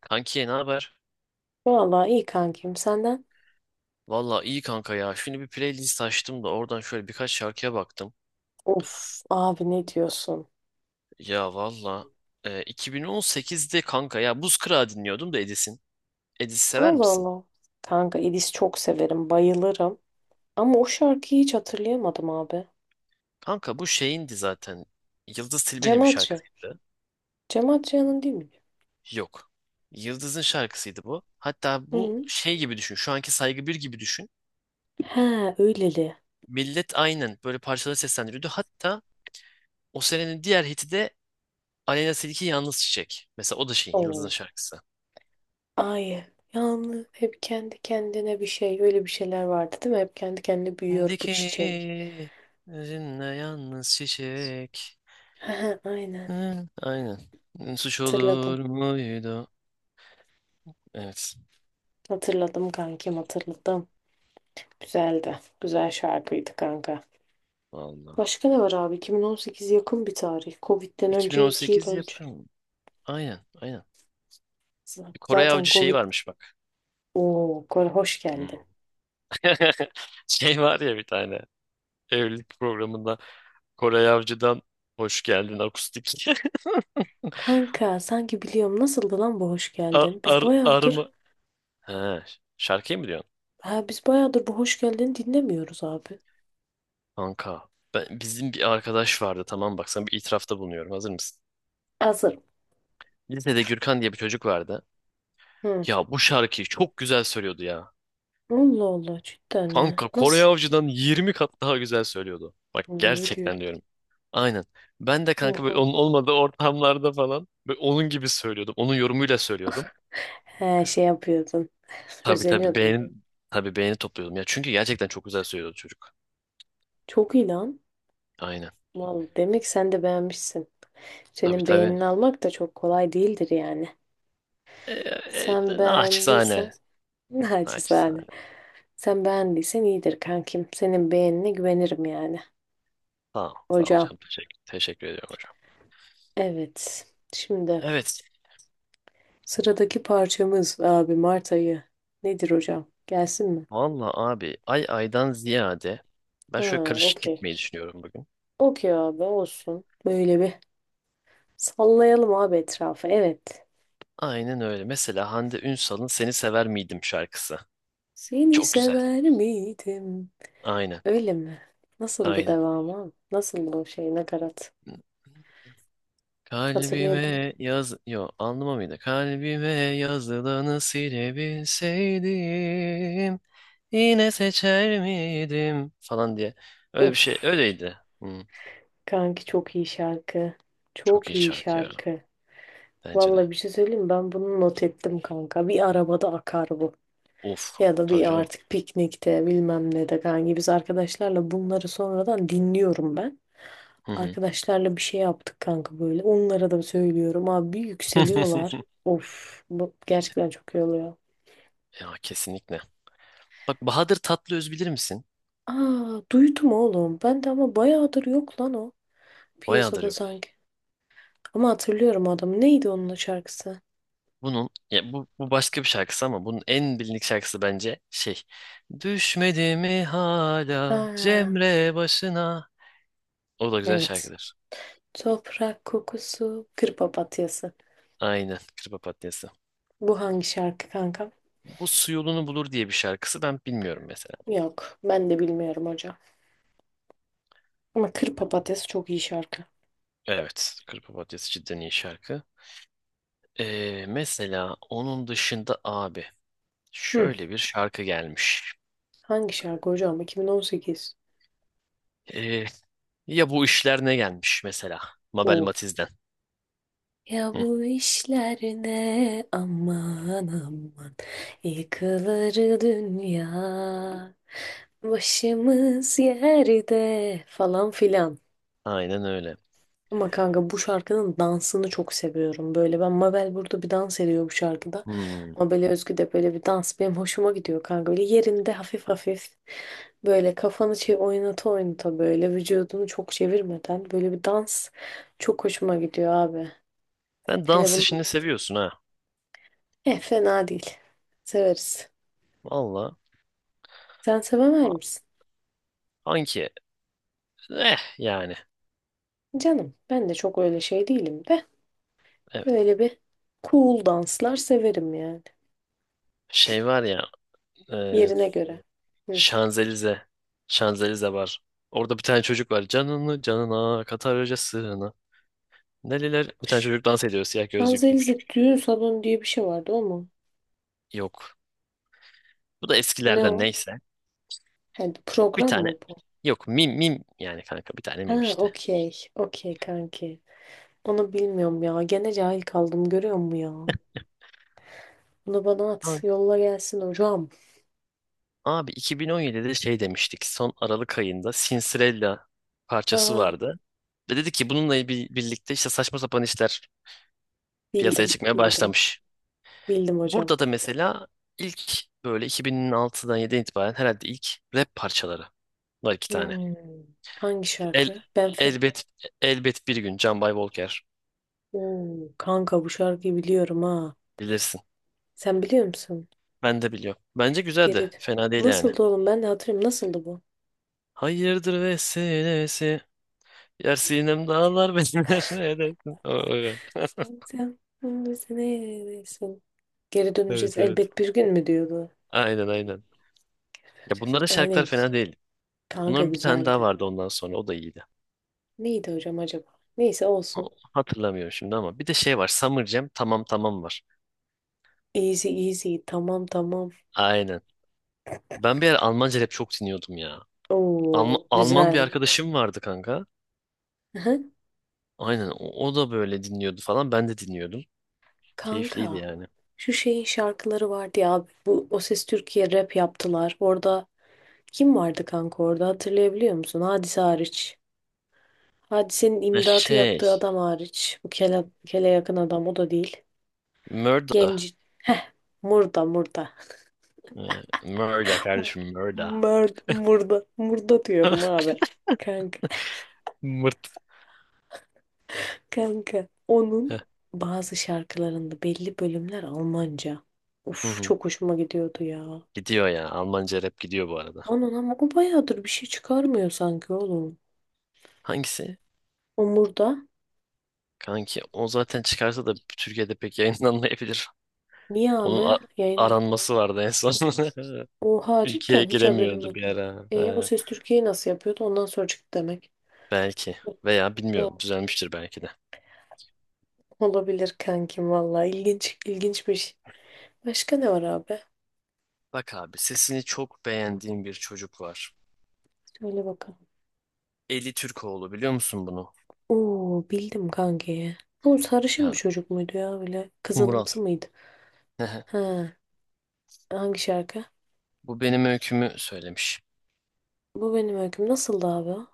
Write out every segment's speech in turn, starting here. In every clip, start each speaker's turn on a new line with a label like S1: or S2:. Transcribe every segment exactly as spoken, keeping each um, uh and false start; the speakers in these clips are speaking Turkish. S1: Kanki ne haber?
S2: Vallahi iyi kankim senden.
S1: Valla iyi kanka ya. Şimdi bir playlist açtım da oradan şöyle birkaç şarkıya baktım.
S2: Of abi ne diyorsun?
S1: Ya valla e, iki bin on sekizde kanka ya Buz Kırağı dinliyordum da Edis'in. Edis sever
S2: Allah
S1: misin?
S2: Allah. Kanka İdis çok severim, bayılırım. Ama o şarkıyı hiç hatırlayamadım abi.
S1: Kanka bu şeyindi zaten. Yıldız
S2: Cem
S1: Tilbe'nin bir
S2: Adrian.
S1: şarkısıydı.
S2: Cem Adrian'ın değil mi?
S1: Yok. Yıldız'ın şarkısıydı bu. Hatta
S2: Hı
S1: bu
S2: hı.
S1: şey gibi düşün. Şu anki Saygı bir gibi düşün.
S2: He öyleli.
S1: Millet aynen böyle parçaları seslendiriyordu. Hatta o senenin diğer hiti de Aleyna Tilki Yalnız Çiçek. Mesela o da şey
S2: Oo.
S1: Yıldız'ın şarkısı.
S2: Ay yalnız hep kendi kendine bir şey öyle bir şeyler vardı değil mi? Hep kendi kendine büyüyor bu
S1: Dikeni
S2: çiçek.
S1: özünle yalnız çiçek.
S2: He he, aynen
S1: Hı, aynen. Suç
S2: hatırladım.
S1: olur muydu? Evet.
S2: Hatırladım kankim hatırladım. Güzeldi. Güzel şarkıydı kanka.
S1: Vallahi.
S2: Başka ne var abi? iki bin on sekiz yakın bir tarih. Covid'den önce iki yıl
S1: iki bin on sekiz
S2: önce.
S1: yapım. Aynen, aynen.
S2: Z-
S1: Bir Kore
S2: Zaten
S1: Avcı şeyi
S2: Covid
S1: varmış bak.
S2: o hoş
S1: Hmm.
S2: geldin.
S1: Şey var ya bir tane. Evlilik programında Koray Avcı'dan hoş geldin akustik.
S2: Kanka sanki biliyorum nasıldı lan bu hoş
S1: Ar,
S2: geldin? Biz
S1: ar,
S2: bayağıdır
S1: arma. He, şarkıyı mı diyorsun?
S2: ha biz bayağıdır bu hoş geldin dinlemiyoruz abi.
S1: Kanka. Ben, bizim bir arkadaş vardı, tamam, bak, sana bir itirafta bulunuyorum. Hazır mısın?
S2: Hazırım.
S1: Lisede Gürkan diye bir çocuk vardı.
S2: Hı.
S1: Ya bu şarkıyı çok güzel söylüyordu ya.
S2: Allah Allah cidden mi?
S1: Kanka Kore
S2: Nasıl?
S1: Avcı'dan yirmi kat daha güzel söylüyordu. Bak,
S2: Hı, ne
S1: gerçekten
S2: diyorsun?
S1: diyorum. Aynen. Ben de kanka
S2: Oha.
S1: böyle onun olmadığı ortamlarda falan böyle onun gibi söylüyordum. Onun yorumuyla söylüyordum.
S2: He şey yapıyordun.
S1: Tabii tabii,
S2: Özeniyordun.
S1: beğeni tabii beğeni topluyordum ya. Çünkü gerçekten çok güzel söylüyordu çocuk.
S2: Çok iyi lan.
S1: Aynen.
S2: Vallahi demek sen de beğenmişsin.
S1: Tabii
S2: Senin
S1: tabii.
S2: beğenini almak da çok kolay değildir yani.
S1: Ee,
S2: Sen
S1: e,
S2: beğendiysen
S1: naçizane.
S2: naçizane.
S1: Naçizane.
S2: Sen beğendiysen iyidir kankim. Senin beğenine güvenirim yani.
S1: Sağ ol. Sağ ol
S2: Hocam.
S1: hocam. Teşekkür, teşekkür ediyorum hocam.
S2: Evet. Şimdi
S1: Evet.
S2: sıradaki parçamız abi Mart ayı. Nedir hocam? Gelsin mi?
S1: Valla abi ay aydan ziyade ben
S2: Ha,
S1: şöyle karışık
S2: okey.
S1: gitmeyi düşünüyorum bugün.
S2: Okey abi olsun. Böyle bir sallayalım abi etrafı. Evet.
S1: Aynen öyle. Mesela Hande Ünsal'ın Seni Sever Miydim şarkısı.
S2: Seni
S1: Çok güzel.
S2: sever miydim?
S1: Aynen.
S2: Öyle mi? Nasıldı
S1: Aynen.
S2: devamı abi? Nasıldı o şey nakarat? Hatırlayabiliyor.
S1: Kalbime yaz... Yo, anlama mıydı? Kalbime yazılanı silebilseydim yine seçer miydim falan diye. Öyle bir
S2: Of.
S1: şey. Öyleydi. Hı,
S2: Kanki çok iyi şarkı.
S1: çok
S2: Çok
S1: iyi
S2: iyi
S1: şarkı ya.
S2: şarkı.
S1: Bence de.
S2: Vallahi bir şey söyleyeyim mi? Ben bunu not ettim kanka. Bir arabada akar bu.
S1: Of.
S2: Ya da
S1: Tabii
S2: bir
S1: canım.
S2: artık piknikte bilmem ne de kanka. Biz arkadaşlarla bunları sonradan dinliyorum ben.
S1: Hı hı.
S2: Arkadaşlarla bir şey yaptık kanka böyle. Onlara da söylüyorum. Abi yükseliyorlar. Of bu gerçekten çok iyi oluyor.
S1: Ya kesinlikle. Bak, Bahadır Tatlıöz bilir misin?
S2: Aa duydum oğlum. Ben de ama bayağıdır yok lan o.
S1: Bayağıdır
S2: Piyasada
S1: yok.
S2: sanki. Ama hatırlıyorum adamı. Neydi onun şarkısı?
S1: Bunun ya bu, bu başka bir şarkısı ama bunun en bilindik şarkısı bence şey. Düşmedi mi hala
S2: Ha,
S1: Cemre başına? O da güzel
S2: evet.
S1: şarkıdır.
S2: Toprak kokusu, kır papatyası.
S1: Aynen. Kır Papatyası.
S2: Bu hangi şarkı kanka?
S1: Bu su yolunu bulur diye bir şarkısı ben bilmiyorum mesela.
S2: Yok. Ben de bilmiyorum hocam. Ama Kır Papatyası çok iyi şarkı.
S1: Evet. Kır Papatyası cidden iyi şarkı. Ee, mesela onun dışında abi
S2: Hı.
S1: şöyle bir şarkı gelmiş.
S2: Hangi şarkı hocam? iki bin on sekiz.
S1: Ee, ya bu işler ne gelmiş mesela? Mabel
S2: O.
S1: Matiz'den.
S2: Ya
S1: Hı,
S2: bu işler ne aman aman yıkılır dünya başımız yerde falan filan.
S1: aynen öyle.
S2: Ama kanka bu şarkının dansını çok seviyorum. Böyle ben Mabel burada bir dans ediyor bu şarkıda.
S1: Hmm.
S2: Mabel'e özgü de böyle bir dans benim hoşuma gidiyor kanka. Böyle yerinde hafif hafif böyle kafanı şey oynata oynata böyle vücudunu çok çevirmeden böyle bir dans çok hoşuma gidiyor abi.
S1: Sen
S2: Hele
S1: dans
S2: bunun
S1: işini seviyorsun ha.
S2: eh, fena değil. Severiz.
S1: Valla.
S2: Sen sevemez
S1: A-
S2: misin?
S1: Anki. Eh yani.
S2: Canım ben de çok öyle şey değilim de
S1: Evet.
S2: öyle bir cool danslar severim yani.
S1: Şey var ya. E,
S2: Yerine göre. Hı.
S1: Şanzelize. Şanzelize var. Orada bir tane çocuk var. Canını canına katarca sığına. Neler? Bir tane çocuk dans ediyor. Siyah gözlüklü
S2: Şanzelize
S1: küçük.
S2: düğün salonu diye bir şey vardı o mu?
S1: Yok. Bu da
S2: Ne o?
S1: eskilerden, neyse.
S2: He,
S1: Bir
S2: program mı
S1: tane.
S2: bu?
S1: Yok, mim mim. Yani kanka bir tane
S2: Ha
S1: mim işte.
S2: okey. Okey kanki. Onu bilmiyorum ya. Gene cahil kaldım görüyor musun ya? Bunu bana
S1: Ha,
S2: at. Yolla gelsin hocam.
S1: abi iki bin on yedide şey demiştik. Son Aralık ayında Sinsirella parçası
S2: Ha,
S1: vardı. Ve dedi ki, bununla bir, birlikte işte saçma sapan işler piyasaya
S2: bildim.
S1: çıkmaya
S2: Bildim.
S1: başlamış.
S2: Bildim hocam.
S1: Burada da mesela ilk böyle iki bin altıdan yediden itibaren herhalde ilk rap parçaları var iki tane.
S2: Hmm, hangi
S1: El,
S2: şarkı? Ben fe...
S1: elbet elbet bir gün Can Bay Volker,
S2: Oo, kanka bu şarkıyı biliyorum ha.
S1: bilirsin.
S2: Sen biliyor musun?
S1: Ben de biliyorum. Bence
S2: Geri...
S1: güzeldi. Fena değil yani.
S2: Nasıldı oğlum? Ben de hatırlıyorum. Nasıldı bu?
S1: Hayırdır vesilesi. Yer sinem dağlar benim, her neredesin? O- o-
S2: Sen neredesin? Geri döneceğiz
S1: Evet evet.
S2: elbet bir gün mü diyordu?
S1: Aynen aynen. Ya bunların
S2: Aynen
S1: şarkılar
S2: güzel.
S1: fena değil.
S2: Kanka
S1: Bunların bir tane daha
S2: güzeldi.
S1: vardı ondan sonra, o da iyiydi.
S2: Neydi hocam acaba? Neyse olsun.
S1: O- Hatırlamıyorum şimdi ama bir de şey var Summer Jam, tamam tamam, var.
S2: Easy easy. Tamam tamam.
S1: Aynen. Ben bir ara Almanca rap çok dinliyordum ya.
S2: Oo
S1: Alma- Alman bir
S2: güzel.
S1: arkadaşım vardı kanka.
S2: Hı-hı.
S1: Aynen o, o da böyle dinliyordu falan. Ben de dinliyordum. Keyifliydi
S2: Kanka
S1: yani.
S2: şu şeyin şarkıları vardı ya abi. Bu O Ses Türkiye rap yaptılar. Orada kim vardı kanka orada hatırlayabiliyor musun? Hadise hariç. Hadisenin
S1: Ha,
S2: imdatı
S1: şey,
S2: yaptığı adam hariç. Bu kele, kele yakın adam o da değil.
S1: Murda.
S2: Genci. Heh. Murda murda.
S1: Ee, Murda kardeşim, Murda.
S2: Murda murda. Murda diyorum abi. Kanka.
S1: Mırt.
S2: Kanka
S1: Heh,
S2: onun bazı şarkılarında belli bölümler Almanca.
S1: hı
S2: Uf,
S1: hı.
S2: çok hoşuma gidiyordu ya.
S1: Gidiyor ya. Almanca rap gidiyor bu arada.
S2: Onun ama o bayağıdır bir şey çıkarmıyor sanki oğlum.
S1: Hangisi?
S2: Omur'da.
S1: Kanki o zaten çıkarsa da Türkiye'de pek yayınlanmayabilir.
S2: Niye
S1: Onun
S2: abi?
S1: a-
S2: Yayınla.
S1: aranması vardı en son.
S2: Oha
S1: Ülkeye
S2: cidden hiç haberim
S1: giremiyordu
S2: yok.
S1: bir ara.
S2: E, o
S1: Ee,
S2: Ses Türkiye'yi nasıl yapıyordu? Ondan sonra çıktı demek.
S1: belki. Veya bilmiyorum,
S2: O-
S1: düzelmiştir belki de.
S2: Olabilir kankim valla. İlginç, ilginç bir şey. Başka ne var abi?
S1: Bak abi, sesini çok beğendiğim bir çocuk var.
S2: Söyle bakalım.
S1: Eli Türkoğlu, biliyor musun bunu?
S2: Oo bildim kankiyi. Bu sarışın
S1: Ya,
S2: bir çocuk muydu ya böyle?
S1: Umural.
S2: Kızılımsı mıydı? He. Hangi şarkı?
S1: Bu benim öykümü söylemiş.
S2: Bu benim öyküm. Nasıldı abi?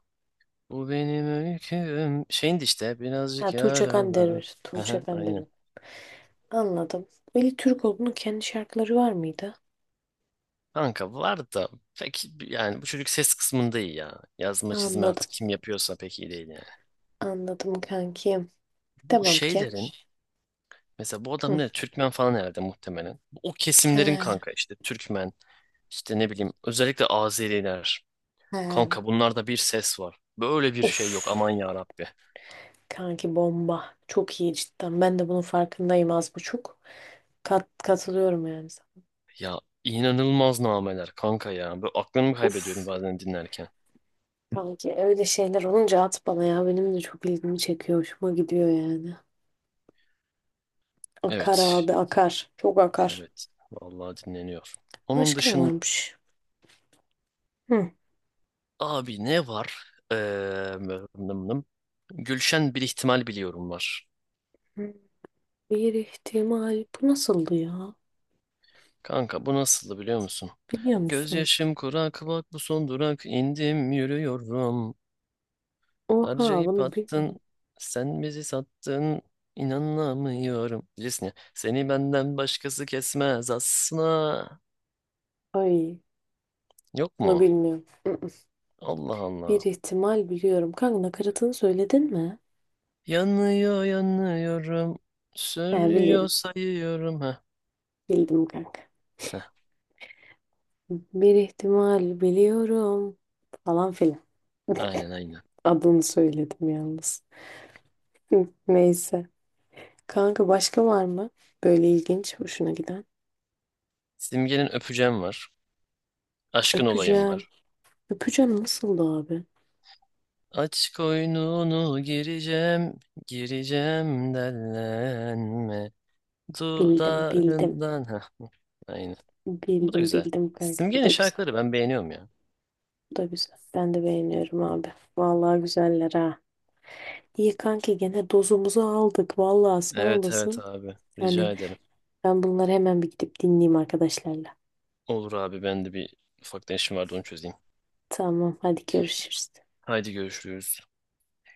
S1: Bu benim öyküm. Şeyin de işte,
S2: Ha
S1: birazcık
S2: Tuğçe
S1: yaralı.
S2: Kandemir'dir. Tuğçe
S1: Aha, aynen.
S2: Kandemir. Anladım. Veli Türkoğlu'nun kendi şarkıları var mıydı?
S1: Kanka var da pek, yani bu çocuk ses kısmında iyi ya. Yazma çizme
S2: Anladım.
S1: artık kim yapıyorsa pek iyi değil yani.
S2: Anladım kankim.
S1: Bu
S2: Tamam ki.
S1: şeylerin mesela, bu
S2: Hı.
S1: adam ne, Türkmen falan herhalde muhtemelen. O kesimlerin
S2: He,
S1: kanka, işte Türkmen, işte ne bileyim özellikle Azeriler.
S2: he.
S1: Kanka bunlarda bir ses var. Böyle bir şey yok, aman
S2: Of.
S1: ya Rabbi.
S2: Kanki bomba. Çok iyi cidden. Ben de bunun farkındayım az buçuk. Kat, katılıyorum yani. Uf.
S1: Ya, inanılmaz nameler kanka ya. Böyle aklımı kaybediyorum bazen dinlerken.
S2: Kanki öyle şeyler olunca at bana ya. Benim de çok ilgimi çekiyor. Hoşuma gidiyor yani. Akar
S1: Evet.
S2: abi akar. Çok akar.
S1: Evet. Vallahi, dinleniyor. Onun
S2: Başka ne
S1: dışında
S2: varmış? Hı.
S1: abi ne var? Ee, nım nım nım. Gülşen bir ihtimal, biliyorum var.
S2: Hmm, bir ihtimal. Bu nasıldı ya?
S1: Kanka bu nasıldı biliyor musun?
S2: Biliyor musun?
S1: Gözyaşım kurak, bak bu son durak, indim yürüyorum.
S2: Oha
S1: Harcayıp
S2: bunu bil...
S1: attın, sen bizi sattın, inanamıyorum. Bilirsin ya, seni benden başkası kesmez asla.
S2: ay
S1: Yok
S2: bunu
S1: mu?
S2: bilmiyorum. Mm-mm.
S1: Allah
S2: Bir
S1: Allah.
S2: ihtimal biliyorum. Kanka nakaratını söyledin mi?
S1: Yanıyor yanıyorum,
S2: He
S1: sürüyor
S2: bilirim.
S1: sayıyorum. Heh,
S2: Bildim kanka.
S1: heh,
S2: Bir ihtimal biliyorum. Falan filan.
S1: aynen aynen.
S2: Adını söyledim yalnız. Hı, neyse. Kanka başka var mı? Böyle ilginç, hoşuna giden.
S1: Simge'nin öpeceğim var, aşkın olayım
S2: Öpeceğim.
S1: var.
S2: Öpeceğim nasıldı abi?
S1: Aç koynunu gireceğim, gireceğim dellenme.
S2: Bildim, bildim.
S1: Dudağından, heh, aynen. Bu da
S2: Bildim,
S1: güzel.
S2: bildim kanka. Bu
S1: Simge'nin
S2: da güzel.
S1: şarkıları ben beğeniyorum ya.
S2: Bu da güzel. Ben de beğeniyorum abi. Vallahi güzeller ha. İyi kanki gene dozumuzu aldık. Vallahi sağ
S1: Evet evet
S2: olasın.
S1: abi. Rica
S2: Hani
S1: ederim.
S2: ben bunları hemen bir gidip dinleyeyim arkadaşlarla.
S1: Olur abi, ben de bir ufaktan işim vardı, onu çözeyim.
S2: Tamam hadi görüşürüz.
S1: Haydi görüşürüz.